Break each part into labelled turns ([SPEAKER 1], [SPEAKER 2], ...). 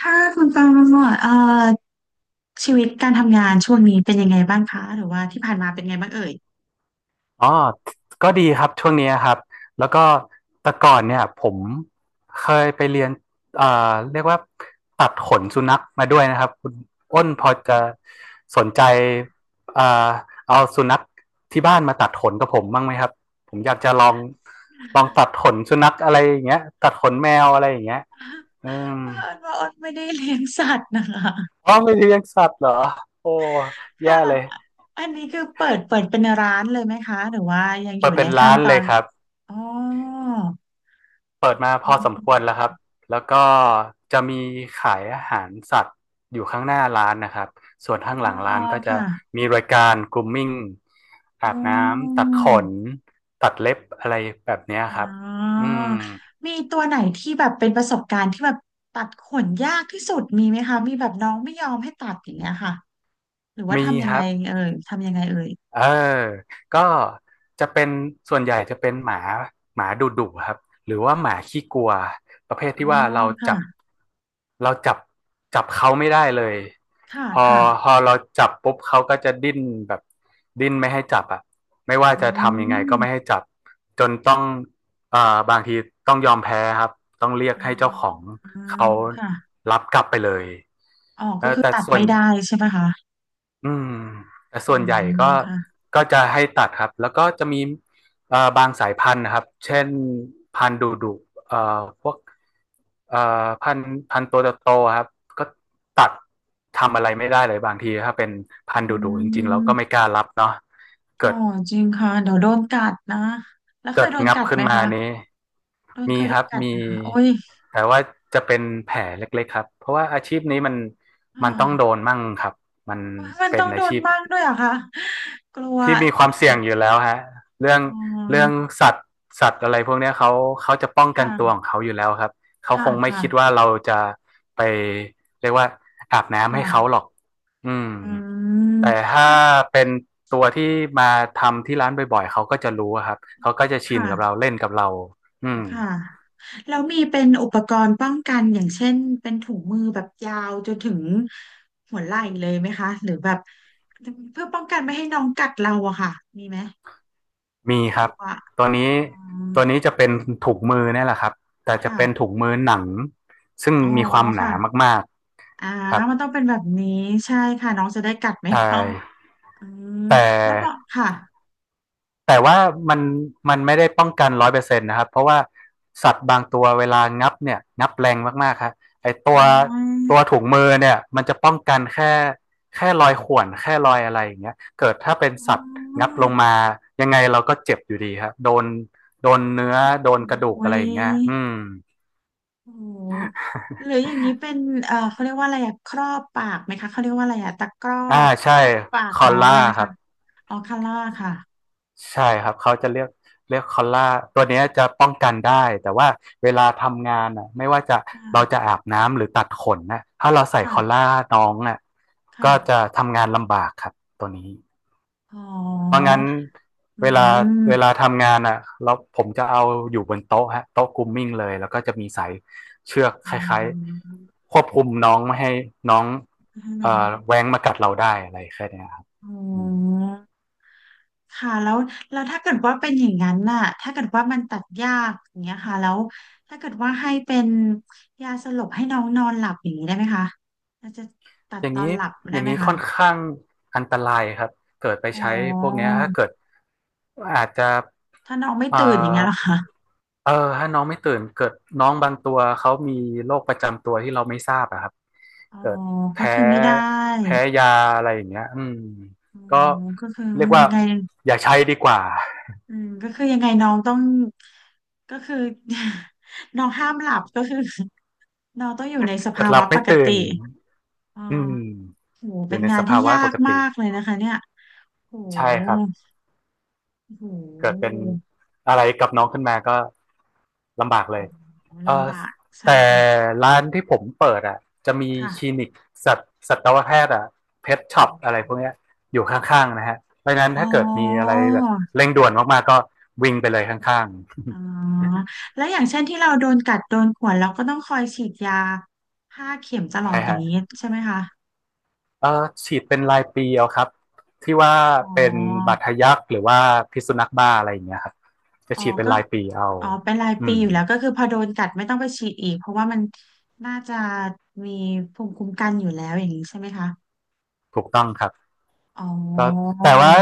[SPEAKER 1] ค่ะคุณตองดชีวิตการทำงานช่วงนี้เป็นยังไงบ้างคะหรือว่าที่ผ่านมาเป็นไงบ้างเอ่ย
[SPEAKER 2] อ๋อก็ดีครับช่วงนี้ครับแล้วก็แต่ก่อนเนี่ยผมเคยไปเรียนเรียกว่าตัดขนสุนัขมาด้วยนะครับคุณอ้นพอจะสนใจเอ่อเอาสุนัขที่บ้านมาตัดขนกับผมบ้างไหมครับผมอยากจะลองตัดขนสุนัขอะไรอย่างเงี้ยตัดขนแมวอะไรอย่างเงี้ยอื ม
[SPEAKER 1] เผอิญว่าอ้นไม่ได้เลี้ยงสัตว์นะคะ
[SPEAKER 2] อ๋อไม่เลี้ยงสัตว์เหรอโอ้
[SPEAKER 1] ค่ะ
[SPEAKER 2] แย่เลย
[SPEAKER 1] อันนี้คือเปิดเป็นร้านเลยไหมคะหรือว่ายังอ
[SPEAKER 2] เปิ
[SPEAKER 1] ยู่
[SPEAKER 2] ด
[SPEAKER 1] ใน
[SPEAKER 2] เป็น
[SPEAKER 1] ขั้
[SPEAKER 2] ร้า
[SPEAKER 1] น
[SPEAKER 2] น
[SPEAKER 1] ตอ
[SPEAKER 2] เลย
[SPEAKER 1] น
[SPEAKER 2] ครับ
[SPEAKER 1] อ๋อ
[SPEAKER 2] เปิดมาพ
[SPEAKER 1] อ
[SPEAKER 2] อสมควรแล้ว
[SPEAKER 1] ๋
[SPEAKER 2] ครับ แล้วก็จะมีขายอาหารสัตว์อยู่ข้างหน้าร้านนะครับ ส่วนข้าง
[SPEAKER 1] อ
[SPEAKER 2] หลัง
[SPEAKER 1] อ๋อ
[SPEAKER 2] ร้านก็จะ
[SPEAKER 1] ค่ะ
[SPEAKER 2] มีรายการกลุมมิ่ง
[SPEAKER 1] อ๋
[SPEAKER 2] อาบน้ำตัดขน
[SPEAKER 1] อ
[SPEAKER 2] ตัดเล็บอะไรแบบเนี้ย
[SPEAKER 1] อ๋
[SPEAKER 2] ครับ
[SPEAKER 1] อ
[SPEAKER 2] อืม
[SPEAKER 1] มีตัวไหนที่แบบเป็นประสบการณ์ที่แบบตัดขนยากที่สุดมีไหมคะมีแบบน้องไม่ยอมให้ตัดอย่างเงี้ยค่ะหรือว่า
[SPEAKER 2] มี
[SPEAKER 1] ทำยั
[SPEAKER 2] ค
[SPEAKER 1] งไง
[SPEAKER 2] รับ
[SPEAKER 1] เอ่ยทำยังไงเอ่ย
[SPEAKER 2] เออก็จะเป็นส่วนใหญ่จะเป็นหมาหมาดุดุครับหรือว่าหมาขี้กลัวประเภท
[SPEAKER 1] อ๋อ
[SPEAKER 2] ที่ว่าเราจั
[SPEAKER 1] ค่ะ
[SPEAKER 2] บเราจับจับเขาไม่ได้เลย
[SPEAKER 1] ค่ะ
[SPEAKER 2] พอ
[SPEAKER 1] ค่ะ
[SPEAKER 2] พอเราจับปุ๊บเขาก็จะดิ้นแบบดิ้นไม่ให้จับอ่ะไม่ว่า
[SPEAKER 1] อื
[SPEAKER 2] จะทำยังไงก็ไม่ให้
[SPEAKER 1] ม
[SPEAKER 2] จับจนต้องเอ่อบางทีต้องยอมแพ้ครับต้องเรียก
[SPEAKER 1] อ่า
[SPEAKER 2] ให้เจ้าของ
[SPEAKER 1] อืม
[SPEAKER 2] เขา
[SPEAKER 1] ค่ะ
[SPEAKER 2] รับกลับไปเลย
[SPEAKER 1] อ๋อ
[SPEAKER 2] เอ
[SPEAKER 1] ก็
[SPEAKER 2] อ
[SPEAKER 1] คือ
[SPEAKER 2] แต่
[SPEAKER 1] ตัด
[SPEAKER 2] ส่วน
[SPEAKER 1] ไม่ได้ใช่ไหมคะ
[SPEAKER 2] อืมแต่
[SPEAKER 1] อื
[SPEAKER 2] ส่วนใหญ่
[SPEAKER 1] ม
[SPEAKER 2] ก็
[SPEAKER 1] ค่ะ
[SPEAKER 2] ก็จะให้ตัดครับแล้วก็จะมีบางสายพันธุ์นะครับเช่นพันธุ์ดุดุเอ่อพวกเอ่อพันธุ์ตัวโตๆครับก็ตัดทำอะไรไม่ได้เลยบางทีถ้าเป็นพั
[SPEAKER 1] อื
[SPEAKER 2] นธุ์ดุดุจริงๆเราก็ไม่
[SPEAKER 1] ม
[SPEAKER 2] กล้ารับเนาะ
[SPEAKER 1] อ๋
[SPEAKER 2] เกิ
[SPEAKER 1] อ
[SPEAKER 2] ด
[SPEAKER 1] จริงค่ะเดี๋ยวโดนกัดนะแล้วเค
[SPEAKER 2] เกิ
[SPEAKER 1] ย
[SPEAKER 2] ด
[SPEAKER 1] โดน
[SPEAKER 2] งับ
[SPEAKER 1] กัด
[SPEAKER 2] ขึ้
[SPEAKER 1] ไห
[SPEAKER 2] น
[SPEAKER 1] ม
[SPEAKER 2] มา
[SPEAKER 1] คะ
[SPEAKER 2] นี้
[SPEAKER 1] โดนเค
[SPEAKER 2] มี
[SPEAKER 1] ย
[SPEAKER 2] ค
[SPEAKER 1] โด
[SPEAKER 2] รั
[SPEAKER 1] น
[SPEAKER 2] บ
[SPEAKER 1] กัดไห
[SPEAKER 2] มี
[SPEAKER 1] มคะโอ้ย
[SPEAKER 2] แต่ว่าจะเป็นแผลเล็กๆครับเพราะว่าอาชีพนี้มัน
[SPEAKER 1] ค่
[SPEAKER 2] มันต้องโด
[SPEAKER 1] ะ
[SPEAKER 2] นมั่งครับมัน
[SPEAKER 1] มัน
[SPEAKER 2] เป็
[SPEAKER 1] ต้
[SPEAKER 2] น
[SPEAKER 1] องโด
[SPEAKER 2] อา
[SPEAKER 1] น
[SPEAKER 2] ชีพ
[SPEAKER 1] บ้างด้วยเหรอคะกลัว
[SPEAKER 2] ที่มีความเสี่ยงอยู่แล้วฮะเรื่อง
[SPEAKER 1] อ๋อ
[SPEAKER 2] เรื่องสัตว์สัตว์อะไรพวกนี้เขาจะป้องกันตัวขอ
[SPEAKER 1] ค่ะ
[SPEAKER 2] งเขาอยู่แล้วครับเขา
[SPEAKER 1] ค่ะ
[SPEAKER 2] คงไม่
[SPEAKER 1] ค่ะ
[SPEAKER 2] คิดว่าเราจะไปเรียกว่าอาบน้ำให้เขา
[SPEAKER 1] ค่ะ
[SPEAKER 2] หรอกอืม
[SPEAKER 1] อืม
[SPEAKER 2] แต่ถ้า
[SPEAKER 1] และ
[SPEAKER 2] เป็นตัวที่มาทำที่ร้านบ่อยๆเขาก็จะรู้ครับเขาก็จะ
[SPEAKER 1] ค
[SPEAKER 2] ชินกับเรา
[SPEAKER 1] ่ะ
[SPEAKER 2] เล่นกับเราอืม
[SPEAKER 1] ค่ะแล้วมีเป็นอุปกรณ์ป้องกันอย่างเช่นเป็นถุงมือแบบยาวจนถึงหัวไหล่เลยไหมคะหรือแบบเพื่อป้องกันไม่ให้น้องกัดเราอะค่ะมีไหม
[SPEAKER 2] มีค
[SPEAKER 1] ก
[SPEAKER 2] รั
[SPEAKER 1] ลั
[SPEAKER 2] บ
[SPEAKER 1] ว
[SPEAKER 2] ตัวนี้
[SPEAKER 1] อืม
[SPEAKER 2] ตัวนี้จะเป็นถุงมือนี่แหละครับแต่จะเป็น
[SPEAKER 1] ค่ะ
[SPEAKER 2] ถุงมือหนังซึ่ง
[SPEAKER 1] อ๋อ
[SPEAKER 2] มีความหนา
[SPEAKER 1] ค่ะ
[SPEAKER 2] มาก
[SPEAKER 1] อ่า
[SPEAKER 2] ๆครับ
[SPEAKER 1] มันต้องเป็นแบบนี้ใช่ค่ะน้องจะได้กัดไม่
[SPEAKER 2] ใช่
[SPEAKER 1] เข้าอืม
[SPEAKER 2] แต
[SPEAKER 1] แล้วบอ
[SPEAKER 2] ่
[SPEAKER 1] ค่ะ
[SPEAKER 2] แต่ว่ามันมันไม่ได้ป้องกัน100%นะครับเพราะว่าสัตว์บางตัวเวลางับเนี่ยงับแรงมากๆครับไอตั
[SPEAKER 1] อ
[SPEAKER 2] ว
[SPEAKER 1] ๋อ
[SPEAKER 2] ตัวถุงมือเนี่ยมันจะป้องกันแค่รอยข่วนแค่รอยอะไรอย่างเงี้ยเกิดถ้าเป็น
[SPEAKER 1] อ๋
[SPEAKER 2] สัตว์งับ
[SPEAKER 1] อ
[SPEAKER 2] ลงมายังไงเราก็เจ็บอยู่ดีครับโดนเนื้อโดนกระดูก
[SPEAKER 1] โอ้
[SPEAKER 2] อะ
[SPEAKER 1] ย
[SPEAKER 2] ไรอย่างเงี้ยอืม
[SPEAKER 1] โอ้โหหรืออย่างนี้เป็นเขาเรียกว่าอะไรอะครอบปากไหมคะ เขาเรียกว่าอะไรอะตะกร้อ
[SPEAKER 2] อ่า
[SPEAKER 1] ค
[SPEAKER 2] ใช่
[SPEAKER 1] รอบปาก
[SPEAKER 2] คอ
[SPEAKER 1] น้
[SPEAKER 2] ล
[SPEAKER 1] อง
[SPEAKER 2] ล่า
[SPEAKER 1] ไว้ไหม
[SPEAKER 2] ครั
[SPEAKER 1] คะ
[SPEAKER 2] บ
[SPEAKER 1] อ๋อคาร่าค่ะ
[SPEAKER 2] ใช่ครับเขาจะเลือกคอลล่าตัวเนี้ยจะป้องกันได้แต่ว่าเวลาทำงานอ่ะไม่ว่าจะ
[SPEAKER 1] ค
[SPEAKER 2] เราจะ
[SPEAKER 1] ่ะ
[SPEAKER 2] อาบน้ำหรือตัดขนนะถ้าเราใส่คอลล่า
[SPEAKER 1] ค่ะ
[SPEAKER 2] น้องอ่ะก็จะ
[SPEAKER 1] ค่ะ
[SPEAKER 2] ทำงานลำบากครับตัวนี้
[SPEAKER 1] อ๋อ
[SPEAKER 2] เพราะงั้น
[SPEAKER 1] อื
[SPEAKER 2] เวลาเวลา
[SPEAKER 1] ม
[SPEAKER 2] ทำงานอ่ะแล้วผมจะเอาอยู่บนโต๊ะฮะโต๊ะกรูมมิ่งเลยแล้วก็จะมีสายเชือก
[SPEAKER 1] อื
[SPEAKER 2] คล้าย
[SPEAKER 1] ม
[SPEAKER 2] ๆควบคุมน้องไม่ให้น้อง
[SPEAKER 1] ให้
[SPEAKER 2] เอ่
[SPEAKER 1] น้
[SPEAKER 2] อ
[SPEAKER 1] อง
[SPEAKER 2] แว้งมากัดเราได้อะไรแค่เนี้ยครับ
[SPEAKER 1] อ๋อ
[SPEAKER 2] อืม
[SPEAKER 1] ค่ะแล้วถ้าเกิดว่าเป็นอย่างนั้นน่ะถ้าเกิดว่ามันตัดยากอย่างเงี้ยค่ะแล้วถ้าเกิดว่าให้เป็นยาสลบให้น้องนอนหลับอย่างนี้ได้ไหมคะเราจะตัด
[SPEAKER 2] อย่าง
[SPEAKER 1] ตอ
[SPEAKER 2] นี้
[SPEAKER 1] นหลับ
[SPEAKER 2] อ
[SPEAKER 1] ได้
[SPEAKER 2] ย่าง
[SPEAKER 1] ไหม
[SPEAKER 2] นี้
[SPEAKER 1] คะ
[SPEAKER 2] ค่อนข้างอันตรายครับเกิดไป
[SPEAKER 1] อ๋อ
[SPEAKER 2] ใช้พวกเนี้ยถ้าเกิดอาจจะ
[SPEAKER 1] ถ้าน้องไม่
[SPEAKER 2] เอ่อ
[SPEAKER 1] ตื่นอย่างเงี้ยเหรอคะ
[SPEAKER 2] เออถ้าน้องไม่ตื่นเกิดน้องบางตัวเขามีโรคประจำตัวที่เราไม่ทราบอะครับ
[SPEAKER 1] อ๋อ
[SPEAKER 2] เกิด
[SPEAKER 1] ก็
[SPEAKER 2] แพ้
[SPEAKER 1] คือไม่ได้
[SPEAKER 2] แพ้ยาอะไรอย่างเงี้ยอืม
[SPEAKER 1] อ๋อ
[SPEAKER 2] ก็
[SPEAKER 1] ก็คือ
[SPEAKER 2] เรียกว่า
[SPEAKER 1] ยังไง
[SPEAKER 2] อย่าใช้ดีกว่า
[SPEAKER 1] อืมก็คือยังไงน้องต้องก็คือ น้องห้ามหลับก็คือ น้องต้องอยู่ในส
[SPEAKER 2] เกิ
[SPEAKER 1] ภา
[SPEAKER 2] ดหลั
[SPEAKER 1] วะ
[SPEAKER 2] บ
[SPEAKER 1] ป
[SPEAKER 2] ไม่
[SPEAKER 1] ก
[SPEAKER 2] ตื่
[SPEAKER 1] ติ
[SPEAKER 2] น
[SPEAKER 1] อ๋อ
[SPEAKER 2] อืม
[SPEAKER 1] โห
[SPEAKER 2] อยู่
[SPEAKER 1] เป็น
[SPEAKER 2] ใน
[SPEAKER 1] งา
[SPEAKER 2] ส
[SPEAKER 1] นที่
[SPEAKER 2] ภาวะ
[SPEAKER 1] ยา
[SPEAKER 2] ป
[SPEAKER 1] ก
[SPEAKER 2] ก
[SPEAKER 1] มา
[SPEAKER 2] ติ
[SPEAKER 1] กเลยนะคะเนี่ย โห
[SPEAKER 2] ใช่ครับ
[SPEAKER 1] โ
[SPEAKER 2] เกิดเป็
[SPEAKER 1] ห
[SPEAKER 2] นอะไรกับน้องขึ้นมาก็ลำบากเลยเอ
[SPEAKER 1] ลำ
[SPEAKER 2] อ
[SPEAKER 1] บากใช่
[SPEAKER 2] แต่
[SPEAKER 1] ค่ะ
[SPEAKER 2] ร้านที่ผมเปิดอ่ะจะมี
[SPEAKER 1] ค่ะ
[SPEAKER 2] คลินิกสัตสัตวแพทย์อ่ะเพท
[SPEAKER 1] อ๋
[SPEAKER 2] ช็อปอะไร
[SPEAKER 1] อ
[SPEAKER 2] พวกเนี้ยอยู่ข้างๆนะฮะเพราะฉะนั้น
[SPEAKER 1] อ๋
[SPEAKER 2] ถ้าเกิดมีอะไร
[SPEAKER 1] อ
[SPEAKER 2] แบบเร่งด่วนมากๆก็วิ่งไปเลยข้างๆ
[SPEAKER 1] อ๋อแล้วอย่างเช่นที่เราโดนกัดโดนข่วนเราก็ต้องคอยฉีดยาห้าเข็มตล อ
[SPEAKER 2] ใช่
[SPEAKER 1] ดอย่า
[SPEAKER 2] ฮะ
[SPEAKER 1] งนี้ใช่ไหมคะ
[SPEAKER 2] เออฉีดเป็นรายปีเอาครับที่ว่า
[SPEAKER 1] อ๋อ
[SPEAKER 2] เป็นบาดทะยักหรือว่าพิษสุนัขบ้าอะไรอย่างเงี้ยครับจะ
[SPEAKER 1] อ๋อ
[SPEAKER 2] ฉีดเป็น
[SPEAKER 1] ก็
[SPEAKER 2] รายปีเอา
[SPEAKER 1] อ๋อเป็นราย
[SPEAKER 2] อื
[SPEAKER 1] ปี
[SPEAKER 2] ม
[SPEAKER 1] อยู่แล้วก็คือพอโดนกัดไม่ต้องไปฉีดอีกเพราะว่ามันน่าจะมีภูมิคุ้มกันอยู่แล้วอย่างนี้ใช่ไหมคะ
[SPEAKER 2] ถูกต้องครับ
[SPEAKER 1] อ๋อ
[SPEAKER 2] แแต่ว่า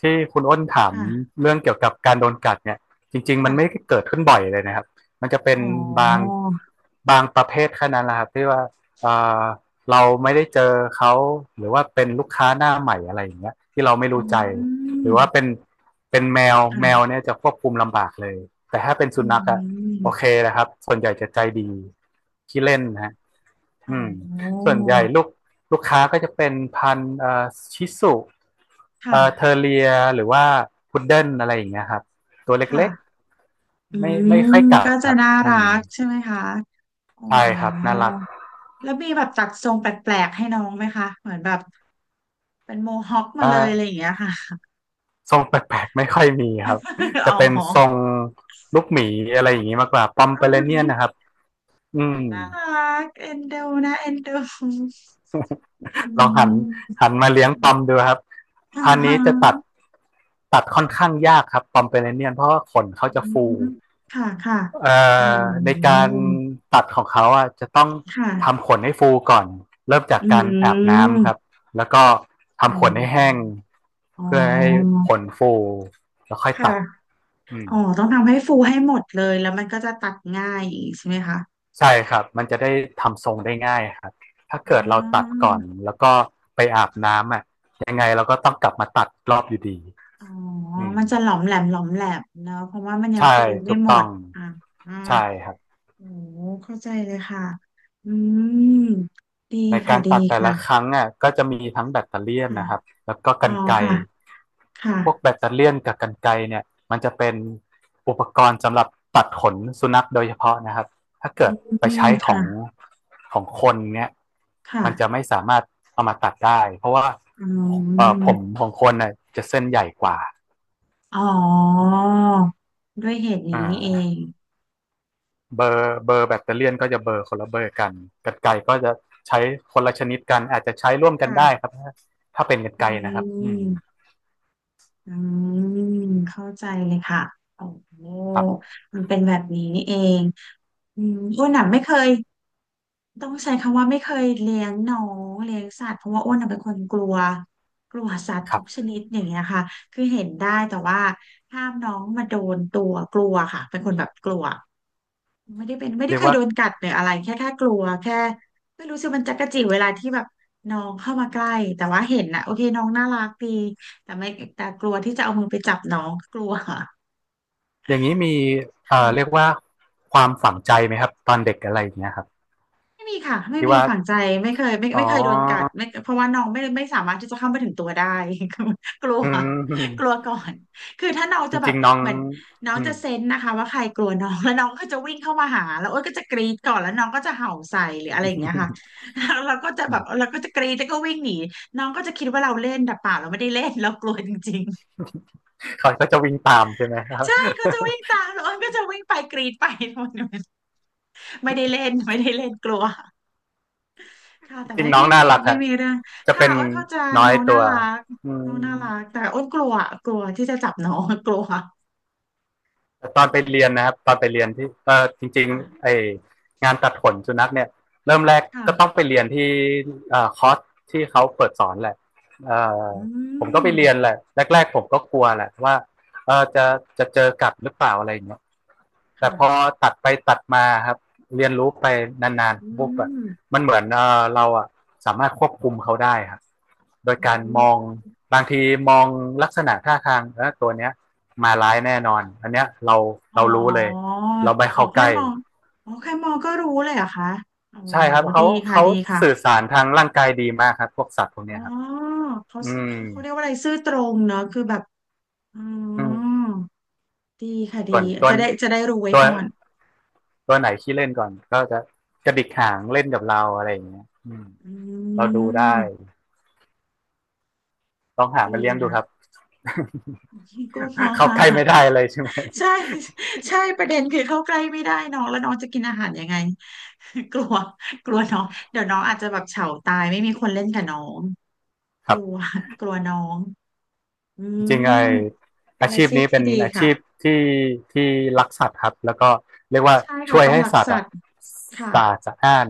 [SPEAKER 2] ที่คุณอ้นถาม
[SPEAKER 1] ค่ะ
[SPEAKER 2] เรื่องเกี่ยวกับการโดนกัดเนี่ยจริงๆมั
[SPEAKER 1] ค่ะ
[SPEAKER 2] นไม่ได้เกิดขึ้นบ่อยเลยนะครับมันจะเป็
[SPEAKER 1] อ๋
[SPEAKER 2] น
[SPEAKER 1] อ
[SPEAKER 2] บางบางประเภทแค่นั้นแหละครับที่ว่าเอ่อเราไม่ได้เจอเขาหรือว่าเป็นลูกค้าหน้าใหม่อะไรอย่างเงี้ยที่เราไม่
[SPEAKER 1] อื
[SPEAKER 2] รู้ใจหรื
[SPEAKER 1] ม
[SPEAKER 2] อว่าเป็นแมวแมว
[SPEAKER 1] ค่ะ
[SPEAKER 2] เนี่ยจะควบคุมลำบากเลยแต่ถ้าเป็น
[SPEAKER 1] อื
[SPEAKER 2] สุนัขอะ
[SPEAKER 1] ม
[SPEAKER 2] โอเคนะครับส่วนใหญ่จะใจดีขี้เล่นนะฮะ
[SPEAKER 1] อ๋
[SPEAKER 2] อืม
[SPEAKER 1] อ
[SPEAKER 2] ส่วนใหญ่ลูกค้าก็จะเป็นพันธุ์ชิสุ
[SPEAKER 1] ค
[SPEAKER 2] เทอ
[SPEAKER 1] ่ะ
[SPEAKER 2] ร์เรียหรือว่าพุดเดิ้ลอะไรอย่างเงี้ยครับตัวเล็ก
[SPEAKER 1] ค่ะ อื
[SPEAKER 2] ๆไม่
[SPEAKER 1] ม
[SPEAKER 2] ไม่ค่อยกั
[SPEAKER 1] ก็
[SPEAKER 2] ดค
[SPEAKER 1] จะ
[SPEAKER 2] รับ
[SPEAKER 1] น่า
[SPEAKER 2] อื
[SPEAKER 1] รั
[SPEAKER 2] ม
[SPEAKER 1] กใช่ไหมคะอ๋อ
[SPEAKER 2] ใช่ครับน่ารัก
[SPEAKER 1] แล้วมีแบบตัดทรงแปลกๆให้น้องไหมคะเหมือนแบบเป็นโมฮอคมาเลยอะไรอ
[SPEAKER 2] อ่า
[SPEAKER 1] ย่างเงี้ยค่ะ
[SPEAKER 2] ทรงแปลกๆไม่ค่อยมีครับ
[SPEAKER 1] อ๋
[SPEAKER 2] จะ
[SPEAKER 1] อ
[SPEAKER 2] เป็น
[SPEAKER 1] อ๋อ
[SPEAKER 2] ทรงลูกหมีอะไรอย่างงี้มากกว่าปอมเปอเรเนียนนะครับอืม
[SPEAKER 1] น่ารักเอ็นดูนะเอ็นดูอื
[SPEAKER 2] ลองหัน
[SPEAKER 1] ม
[SPEAKER 2] หันมาเลี้ยงปอมดูครับ
[SPEAKER 1] อ่า
[SPEAKER 2] พันธุ์นี้
[SPEAKER 1] ฮะ
[SPEAKER 2] จะตัดค่อนข้างยากครับปอมเปอเรเนียนเพราะว่าขนเขา
[SPEAKER 1] อื
[SPEAKER 2] จะฟู
[SPEAKER 1] มค่ะค่ะ
[SPEAKER 2] เอ่
[SPEAKER 1] อ๋อ
[SPEAKER 2] อในการตัดของเขาอ่ะจะต้อง
[SPEAKER 1] ค
[SPEAKER 2] ทำ
[SPEAKER 1] ่ะ
[SPEAKER 2] ขนให้ฟูก่อนเริ่มจาก
[SPEAKER 1] อื
[SPEAKER 2] การอาบน้ำครับ
[SPEAKER 1] ม
[SPEAKER 2] แล้วก็
[SPEAKER 1] อ๋
[SPEAKER 2] ทำขนให้แห้ง
[SPEAKER 1] ออ๋อ
[SPEAKER 2] เพื่อให้ขนฟูแล้วค่อยตั
[SPEAKER 1] ค่ะ
[SPEAKER 2] ดอืม
[SPEAKER 1] อ๋อต้องทำให้ฟูให้หมดเลย แล้วมันก็จะตัดง่ายอีกใช่ไหมคะ
[SPEAKER 2] ใช่ครับมันจะได้ทำทรงได้ง่ายครับถ้า
[SPEAKER 1] อ๋อ
[SPEAKER 2] เกิดเราตัดก่อนแล้วก็ไปอาบน้ำอ่ะยังไงเราก็ต้องกลับมาตัดรอบอยู่ดี
[SPEAKER 1] อ๋อ
[SPEAKER 2] อืม
[SPEAKER 1] มันจะหลอมแหลมเนอะเพราะว่ามันยัง
[SPEAKER 2] ใช่
[SPEAKER 1] ฟูไม่
[SPEAKER 2] ถูก
[SPEAKER 1] หม
[SPEAKER 2] ต้อ
[SPEAKER 1] ด
[SPEAKER 2] ง
[SPEAKER 1] อ่ะอ่า
[SPEAKER 2] ใช่ครับ
[SPEAKER 1] โอ้เข้าใจเลยค่ะ อืม ดี
[SPEAKER 2] ใน
[SPEAKER 1] ค่ะ
[SPEAKER 2] การ
[SPEAKER 1] ดี
[SPEAKER 2] ตัดแต่
[SPEAKER 1] ค่ะ
[SPEAKER 2] ละครั้งอ่ะก็จะมีทั้งแบตเตอเลียน
[SPEAKER 1] ค่ะ
[SPEAKER 2] นะครับแล้วก็ก
[SPEAKER 1] อ๋
[SPEAKER 2] ร
[SPEAKER 1] อ
[SPEAKER 2] รไกร
[SPEAKER 1] ค่ะ ค่ะ
[SPEAKER 2] พวกแบตเตอเลียนกับกรรไกรเนี่ยมันจะเป็นอุปกรณ์สำหรับตัดขนสุนัขโดยเฉพาะนะครับถ้าเกิดไป
[SPEAKER 1] อืม
[SPEAKER 2] ใช้ของ
[SPEAKER 1] ค่ะ
[SPEAKER 2] ของคนเนี่ยมันจะ
[SPEAKER 1] ค่ะ
[SPEAKER 2] ไม่สามารถเอามาตัดได้เพราะว่า
[SPEAKER 1] อื
[SPEAKER 2] ผม
[SPEAKER 1] ม
[SPEAKER 2] ของคนน่ะจะเส้นใหญ่กว่า
[SPEAKER 1] อ๋อ ด้วยเหตุ
[SPEAKER 2] อ่
[SPEAKER 1] นี้เอ
[SPEAKER 2] า
[SPEAKER 1] ง
[SPEAKER 2] เบอร์แบตเตอเลียนก็จะเบอร์คนละเบอร์กันกรรไกรก็จะใช้คนละชนิดกันอาจจะใช้ร่วมกัน
[SPEAKER 1] ค่ะ
[SPEAKER 2] ได้ครับถ้าเป็นกรร
[SPEAKER 1] อื
[SPEAKER 2] ไกรนะครับอืม
[SPEAKER 1] ม อืมเข้าใจเลยค่ะโอ้โห
[SPEAKER 2] ครับ
[SPEAKER 1] มันเป็นแบบนี้นี่เองอืมอ้วนหนัไม่เคยต้องใช้คำว่าไม่เคยเลี้ยงน้องเลี้ยงสัตว์เพราะว่าอ้วนน่ะเป็นคนกลัวกลัวสัตว์
[SPEAKER 2] ครั
[SPEAKER 1] ทุ
[SPEAKER 2] บ
[SPEAKER 1] กชนิดอย่างเงี้ยค่ะคือเห็นได้แต่ว่าห้ามน้องมาโดนตัวกลัวค่ะเป็นคนแบบกลัว ไม่ได้เป็นไม่ได้
[SPEAKER 2] เรีย
[SPEAKER 1] เค
[SPEAKER 2] ก
[SPEAKER 1] ย
[SPEAKER 2] ว่า
[SPEAKER 1] โดนกัดหรืออะไรแค่กลัวแค่ไม่รู้สึกมันจักระจิ้เวลาที่แบบน้องเข้ามาใกล้แต่ว่าเห็นนะโอเคน้องน่ารักดีแต่ไม่แต่กลัวที่จะเอามือไปจับน้องกลัวค
[SPEAKER 2] อย่างนี้มีเรียก
[SPEAKER 1] ่ะ
[SPEAKER 2] ว่าความฝังใจไหมครับตอนเด็กอะไรอย่างเงี้ยครับ
[SPEAKER 1] ไม่มีค่ะไม่
[SPEAKER 2] ที่
[SPEAKER 1] มี
[SPEAKER 2] ว่า
[SPEAKER 1] ฝังใจไม่เคย
[SPEAKER 2] อ๋
[SPEAKER 1] ไม่เคยโดนกัด
[SPEAKER 2] อ
[SPEAKER 1] ไม่เพราะว่าน้องไม่สามารถที่จะเข้าไปถึงตัวได้ คือกลัว
[SPEAKER 2] อื
[SPEAKER 1] กลั
[SPEAKER 2] ม
[SPEAKER 1] วก่อนคือถ้าน้อง
[SPEAKER 2] จ
[SPEAKER 1] จะแบ
[SPEAKER 2] ริ
[SPEAKER 1] บ
[SPEAKER 2] งๆน้อง
[SPEAKER 1] เหมือนน้อง
[SPEAKER 2] อื
[SPEAKER 1] จะ
[SPEAKER 2] ม
[SPEAKER 1] เซ นส์นะคะว่าใครกลัวน้องแล้วน้องก็จะวิ่งเข้ามาหาแล้วโอนก็จะกรีดก่อนแล้วน้องก็จะเห่าใส่หรืออะไรอย่างเงี้ยค่ะ แล้วเราก็จะแบบเราก็จะกรีดแล้วก็วิ่งหนีน้องก็จะคิดว่าเราเล่นแต่เปล่าเราไม่ได้เล่นเรากลัวจริง
[SPEAKER 2] เขาก็จะวิ่งตามใช่ไหมครั
[SPEAKER 1] ๆ
[SPEAKER 2] บ
[SPEAKER 1] ใช่เขาจะวิ่งตามแล้วโอ้วก็จะวิ่งไปกรีดไป มันไม่ได้เล่นไม่ได้เล่นกลัว ค่ะ
[SPEAKER 2] จ
[SPEAKER 1] แต่
[SPEAKER 2] ริ
[SPEAKER 1] ไม่
[SPEAKER 2] งๆน้อ
[SPEAKER 1] ไม่
[SPEAKER 2] งน่า
[SPEAKER 1] ไม่
[SPEAKER 2] รัก
[SPEAKER 1] ไม่
[SPEAKER 2] ฮะ
[SPEAKER 1] ไมมีเรื่อง
[SPEAKER 2] จะ
[SPEAKER 1] ค่ะ
[SPEAKER 2] เป็น
[SPEAKER 1] อ้นเข้าใจ
[SPEAKER 2] น้อย
[SPEAKER 1] น้อง
[SPEAKER 2] ตั
[SPEAKER 1] น่า
[SPEAKER 2] ว
[SPEAKER 1] รัก
[SPEAKER 2] อื
[SPEAKER 1] น้องน่า
[SPEAKER 2] ม
[SPEAKER 1] รักแต่อ้นกลัวกลัวที่จะจับน้องกลัวค่ะ
[SPEAKER 2] แต่ตอนไปเรียนนะครับตอนไปเรียนที่เออจริงๆไอ
[SPEAKER 1] ค่ะ
[SPEAKER 2] งานตัดขนสุนัขเนี่ยเริ่มแรกก็ต้อง
[SPEAKER 1] ค่ะ
[SPEAKER 2] ไปเรียนที่คอร์สที่เขาเปิดสอนแหละเอ่อ
[SPEAKER 1] อื
[SPEAKER 2] ผมก็ไปเรียน
[SPEAKER 1] ม
[SPEAKER 2] แหละแรกๆผมก็กลัวแหละว่าเออจะเจอกัดหรือเปล่าอะไรอย่างเงี้ย แต่
[SPEAKER 1] ค่ะ
[SPEAKER 2] พอตัดไปตัดมาครับเรียนรู้ไปนาน
[SPEAKER 1] อื
[SPEAKER 2] ๆปุ๊บอะ
[SPEAKER 1] ม
[SPEAKER 2] มันเหมือนเออเราอะสามารถควบคุมเขาได้ครับโดย
[SPEAKER 1] อื
[SPEAKER 2] การมอง
[SPEAKER 1] ม
[SPEAKER 2] บางทีมองลักษณะท่าทางแล้วตัวเนี้ยมาร้ายแน่นอนอันเนี้ยเรา
[SPEAKER 1] อ๋อ
[SPEAKER 2] เรารู้เลยเราไป
[SPEAKER 1] อ๋อ
[SPEAKER 2] เข้าใก
[SPEAKER 1] แค่
[SPEAKER 2] ล้
[SPEAKER 1] มองอ๋อแค่มองก็รู้เลยเหรอคะโอ้
[SPEAKER 2] ใช่ครับเขา
[SPEAKER 1] ดีค่ะ
[SPEAKER 2] เขา
[SPEAKER 1] ดีค่ะ
[SPEAKER 2] สื่อสารทางร่างกายดีมากครับพวกสัตว์พวก
[SPEAKER 1] อ๋อ
[SPEAKER 2] เนี้ยครับ
[SPEAKER 1] เขา
[SPEAKER 2] อืม
[SPEAKER 1] เขาเรียกว่าอะไรซื่อตรงเนอะคือแบบอ๋อ
[SPEAKER 2] อืม
[SPEAKER 1] ดีค่ะดี
[SPEAKER 2] ส่วน
[SPEAKER 1] จะได้จะได้รู้ไว้
[SPEAKER 2] ตัว
[SPEAKER 1] ก่อน
[SPEAKER 2] ตัวไหนขี้เล่นก่อนก็จะกระดิกหางเล่นกับเราอะไรอย่างเงี้ยอืม
[SPEAKER 1] อื
[SPEAKER 2] เราดูได้
[SPEAKER 1] ม
[SPEAKER 2] ลองหา
[SPEAKER 1] ดี
[SPEAKER 2] มาเลี้ยงดู
[SPEAKER 1] ค่ะ
[SPEAKER 2] ครับ
[SPEAKER 1] ก็พอ
[SPEAKER 2] เข้า
[SPEAKER 1] ค่ะ
[SPEAKER 2] ใกล้ ไม่ได้เลยใช่ไหม
[SPEAKER 1] ใช่ใช่ประเด็นคือเข้าใกล้ไม่ได้น้องแล้วน้องจะกินอาหารยังไง กลัวกลัวน้องเดี๋ยวน้องอาจจะแบบเฉาตายไม่มีคนเล่นกับน้อง
[SPEAKER 2] ค
[SPEAKER 1] ก
[SPEAKER 2] รั
[SPEAKER 1] ลัว
[SPEAKER 2] บ
[SPEAKER 1] กลัวน้องอื
[SPEAKER 2] จริงๆ
[SPEAKER 1] ม
[SPEAKER 2] ไอ
[SPEAKER 1] เป็
[SPEAKER 2] อา
[SPEAKER 1] นอา
[SPEAKER 2] ชีพ
[SPEAKER 1] ชีพ
[SPEAKER 2] นี้เป็
[SPEAKER 1] ที่
[SPEAKER 2] น
[SPEAKER 1] ดี
[SPEAKER 2] อา
[SPEAKER 1] ค่ะ
[SPEAKER 2] ชีพที่ที่รักสัตว์ครับแล้วก็เรียกว่า
[SPEAKER 1] ใช่ค่ะ
[SPEAKER 2] ช่วย
[SPEAKER 1] ต้อง
[SPEAKER 2] ให้
[SPEAKER 1] รัก
[SPEAKER 2] สัตว์
[SPEAKER 1] สั
[SPEAKER 2] อะ
[SPEAKER 1] ตว์
[SPEAKER 2] สะ
[SPEAKER 1] ค่ะ
[SPEAKER 2] อาดสะอ้าน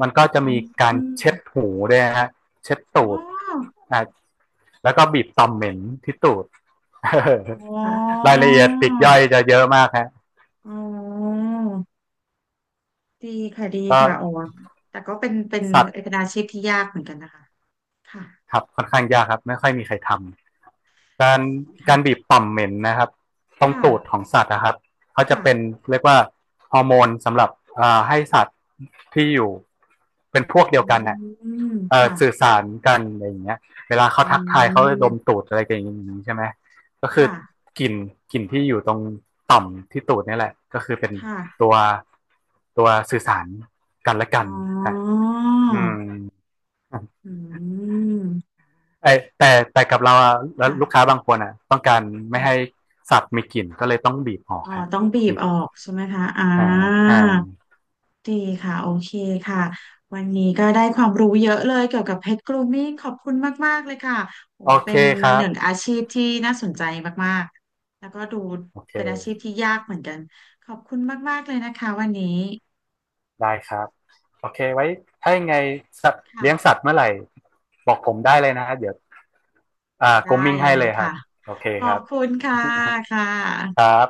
[SPEAKER 2] มันก็
[SPEAKER 1] อ
[SPEAKER 2] จะมีการ
[SPEAKER 1] ื
[SPEAKER 2] เช็ด
[SPEAKER 1] ม
[SPEAKER 2] หูด้วยฮะเช็ดตู
[SPEAKER 1] อ๋อ
[SPEAKER 2] ดอ่ะแล้วก็บีบตอมเหม็นที่ตูด
[SPEAKER 1] อ๋
[SPEAKER 2] รา
[SPEAKER 1] อ
[SPEAKER 2] ยละเอียดปลีกย่อยจะเยอะมากฮะ
[SPEAKER 1] อ๋อดีค่ะดี
[SPEAKER 2] ก็
[SPEAKER 1] ค่ะโอ๋แต่ก็เป็น
[SPEAKER 2] สัตว์
[SPEAKER 1] เป็นอาชีพที่ยากเหมือนกันนะคะค่ะ
[SPEAKER 2] ครับค่อนข้างยากครับไม่ค่อยมีใครทำ การกา
[SPEAKER 1] ค่ะ
[SPEAKER 2] รบีบต่อมเหม็นนะครับตรงตูดข
[SPEAKER 1] ค่ะ
[SPEAKER 2] องสัตว์นะครับ เขาจะ
[SPEAKER 1] ค่ะ
[SPEAKER 2] เป็นเรียกว่าฮอร์โมนสำหรับให้สัตว์ที่อยู่เป็นพวกเดี
[SPEAKER 1] อื
[SPEAKER 2] ยวกันเนี่ย
[SPEAKER 1] ม
[SPEAKER 2] อ่
[SPEAKER 1] ค่ะ
[SPEAKER 2] สื่อสารกันอะไรอย่างเงี้ยเวลาเขา
[SPEAKER 1] อื
[SPEAKER 2] ทักทายเขาจะดม
[SPEAKER 1] ม
[SPEAKER 2] ตูดอะไรกันอย่างนี้ใช่ไหมก็คือ
[SPEAKER 1] ค่ะ
[SPEAKER 2] กลิ่นกลิ่นที่อยู่ตรงต่อมที่ตูดนี่แหละก็คือเป็น
[SPEAKER 1] ค่ะ
[SPEAKER 2] ตัวตัวสื่อสารกันและ
[SPEAKER 1] อ๋
[SPEAKER 2] กันฮะ
[SPEAKER 1] อ
[SPEAKER 2] อืม
[SPEAKER 1] อืม
[SPEAKER 2] ไอแต่กับเราอะแล้วลูกค้า
[SPEAKER 1] ค่ะ
[SPEAKER 2] บางคนอะต้องการไม่
[SPEAKER 1] ค่ะ
[SPEAKER 2] ให้สับมีกลิ่นก็เลยต้องบีบออก
[SPEAKER 1] อ๋อ
[SPEAKER 2] ฮะ
[SPEAKER 1] ต้องบีบ
[SPEAKER 2] บีบ
[SPEAKER 1] ออกใช่ไหมคะอ่า
[SPEAKER 2] ห่างห่าง
[SPEAKER 1] ดีค่ะโอเคค่ะวันนี้ก็ได้ความรู้เยอะเลยเกี่ยวกับเพชรกรูมมิ่งขอบคุณมากๆเลยค่ะโอ้
[SPEAKER 2] โอ
[SPEAKER 1] เป็
[SPEAKER 2] เค
[SPEAKER 1] น
[SPEAKER 2] ครั
[SPEAKER 1] ห
[SPEAKER 2] บ
[SPEAKER 1] นึ่งอาชีพที่น่าสนใจมากๆแล้วก็ดู
[SPEAKER 2] โอเค
[SPEAKER 1] เป็นอาชีพที่ยากเหมือนกัน ขอบคุณมากๆเลยนะคะวันนี้
[SPEAKER 2] ได้ครับโอเคไว้ถ้ายังไงสัตว์เลี้ยงสั
[SPEAKER 1] ค่ะ
[SPEAKER 2] ตว์เมื่อไหร่บอกผมได้เลยนะฮะเดี๋ยวอ่าก
[SPEAKER 1] ได้
[SPEAKER 2] รมมิ่ง
[SPEAKER 1] เล
[SPEAKER 2] ให้
[SPEAKER 1] ย
[SPEAKER 2] เลยครั
[SPEAKER 1] ค่ะ
[SPEAKER 2] บโอเค
[SPEAKER 1] ขอ
[SPEAKER 2] ครั
[SPEAKER 1] บ
[SPEAKER 2] บ
[SPEAKER 1] คุณค่ะค่ะ
[SPEAKER 2] ครับ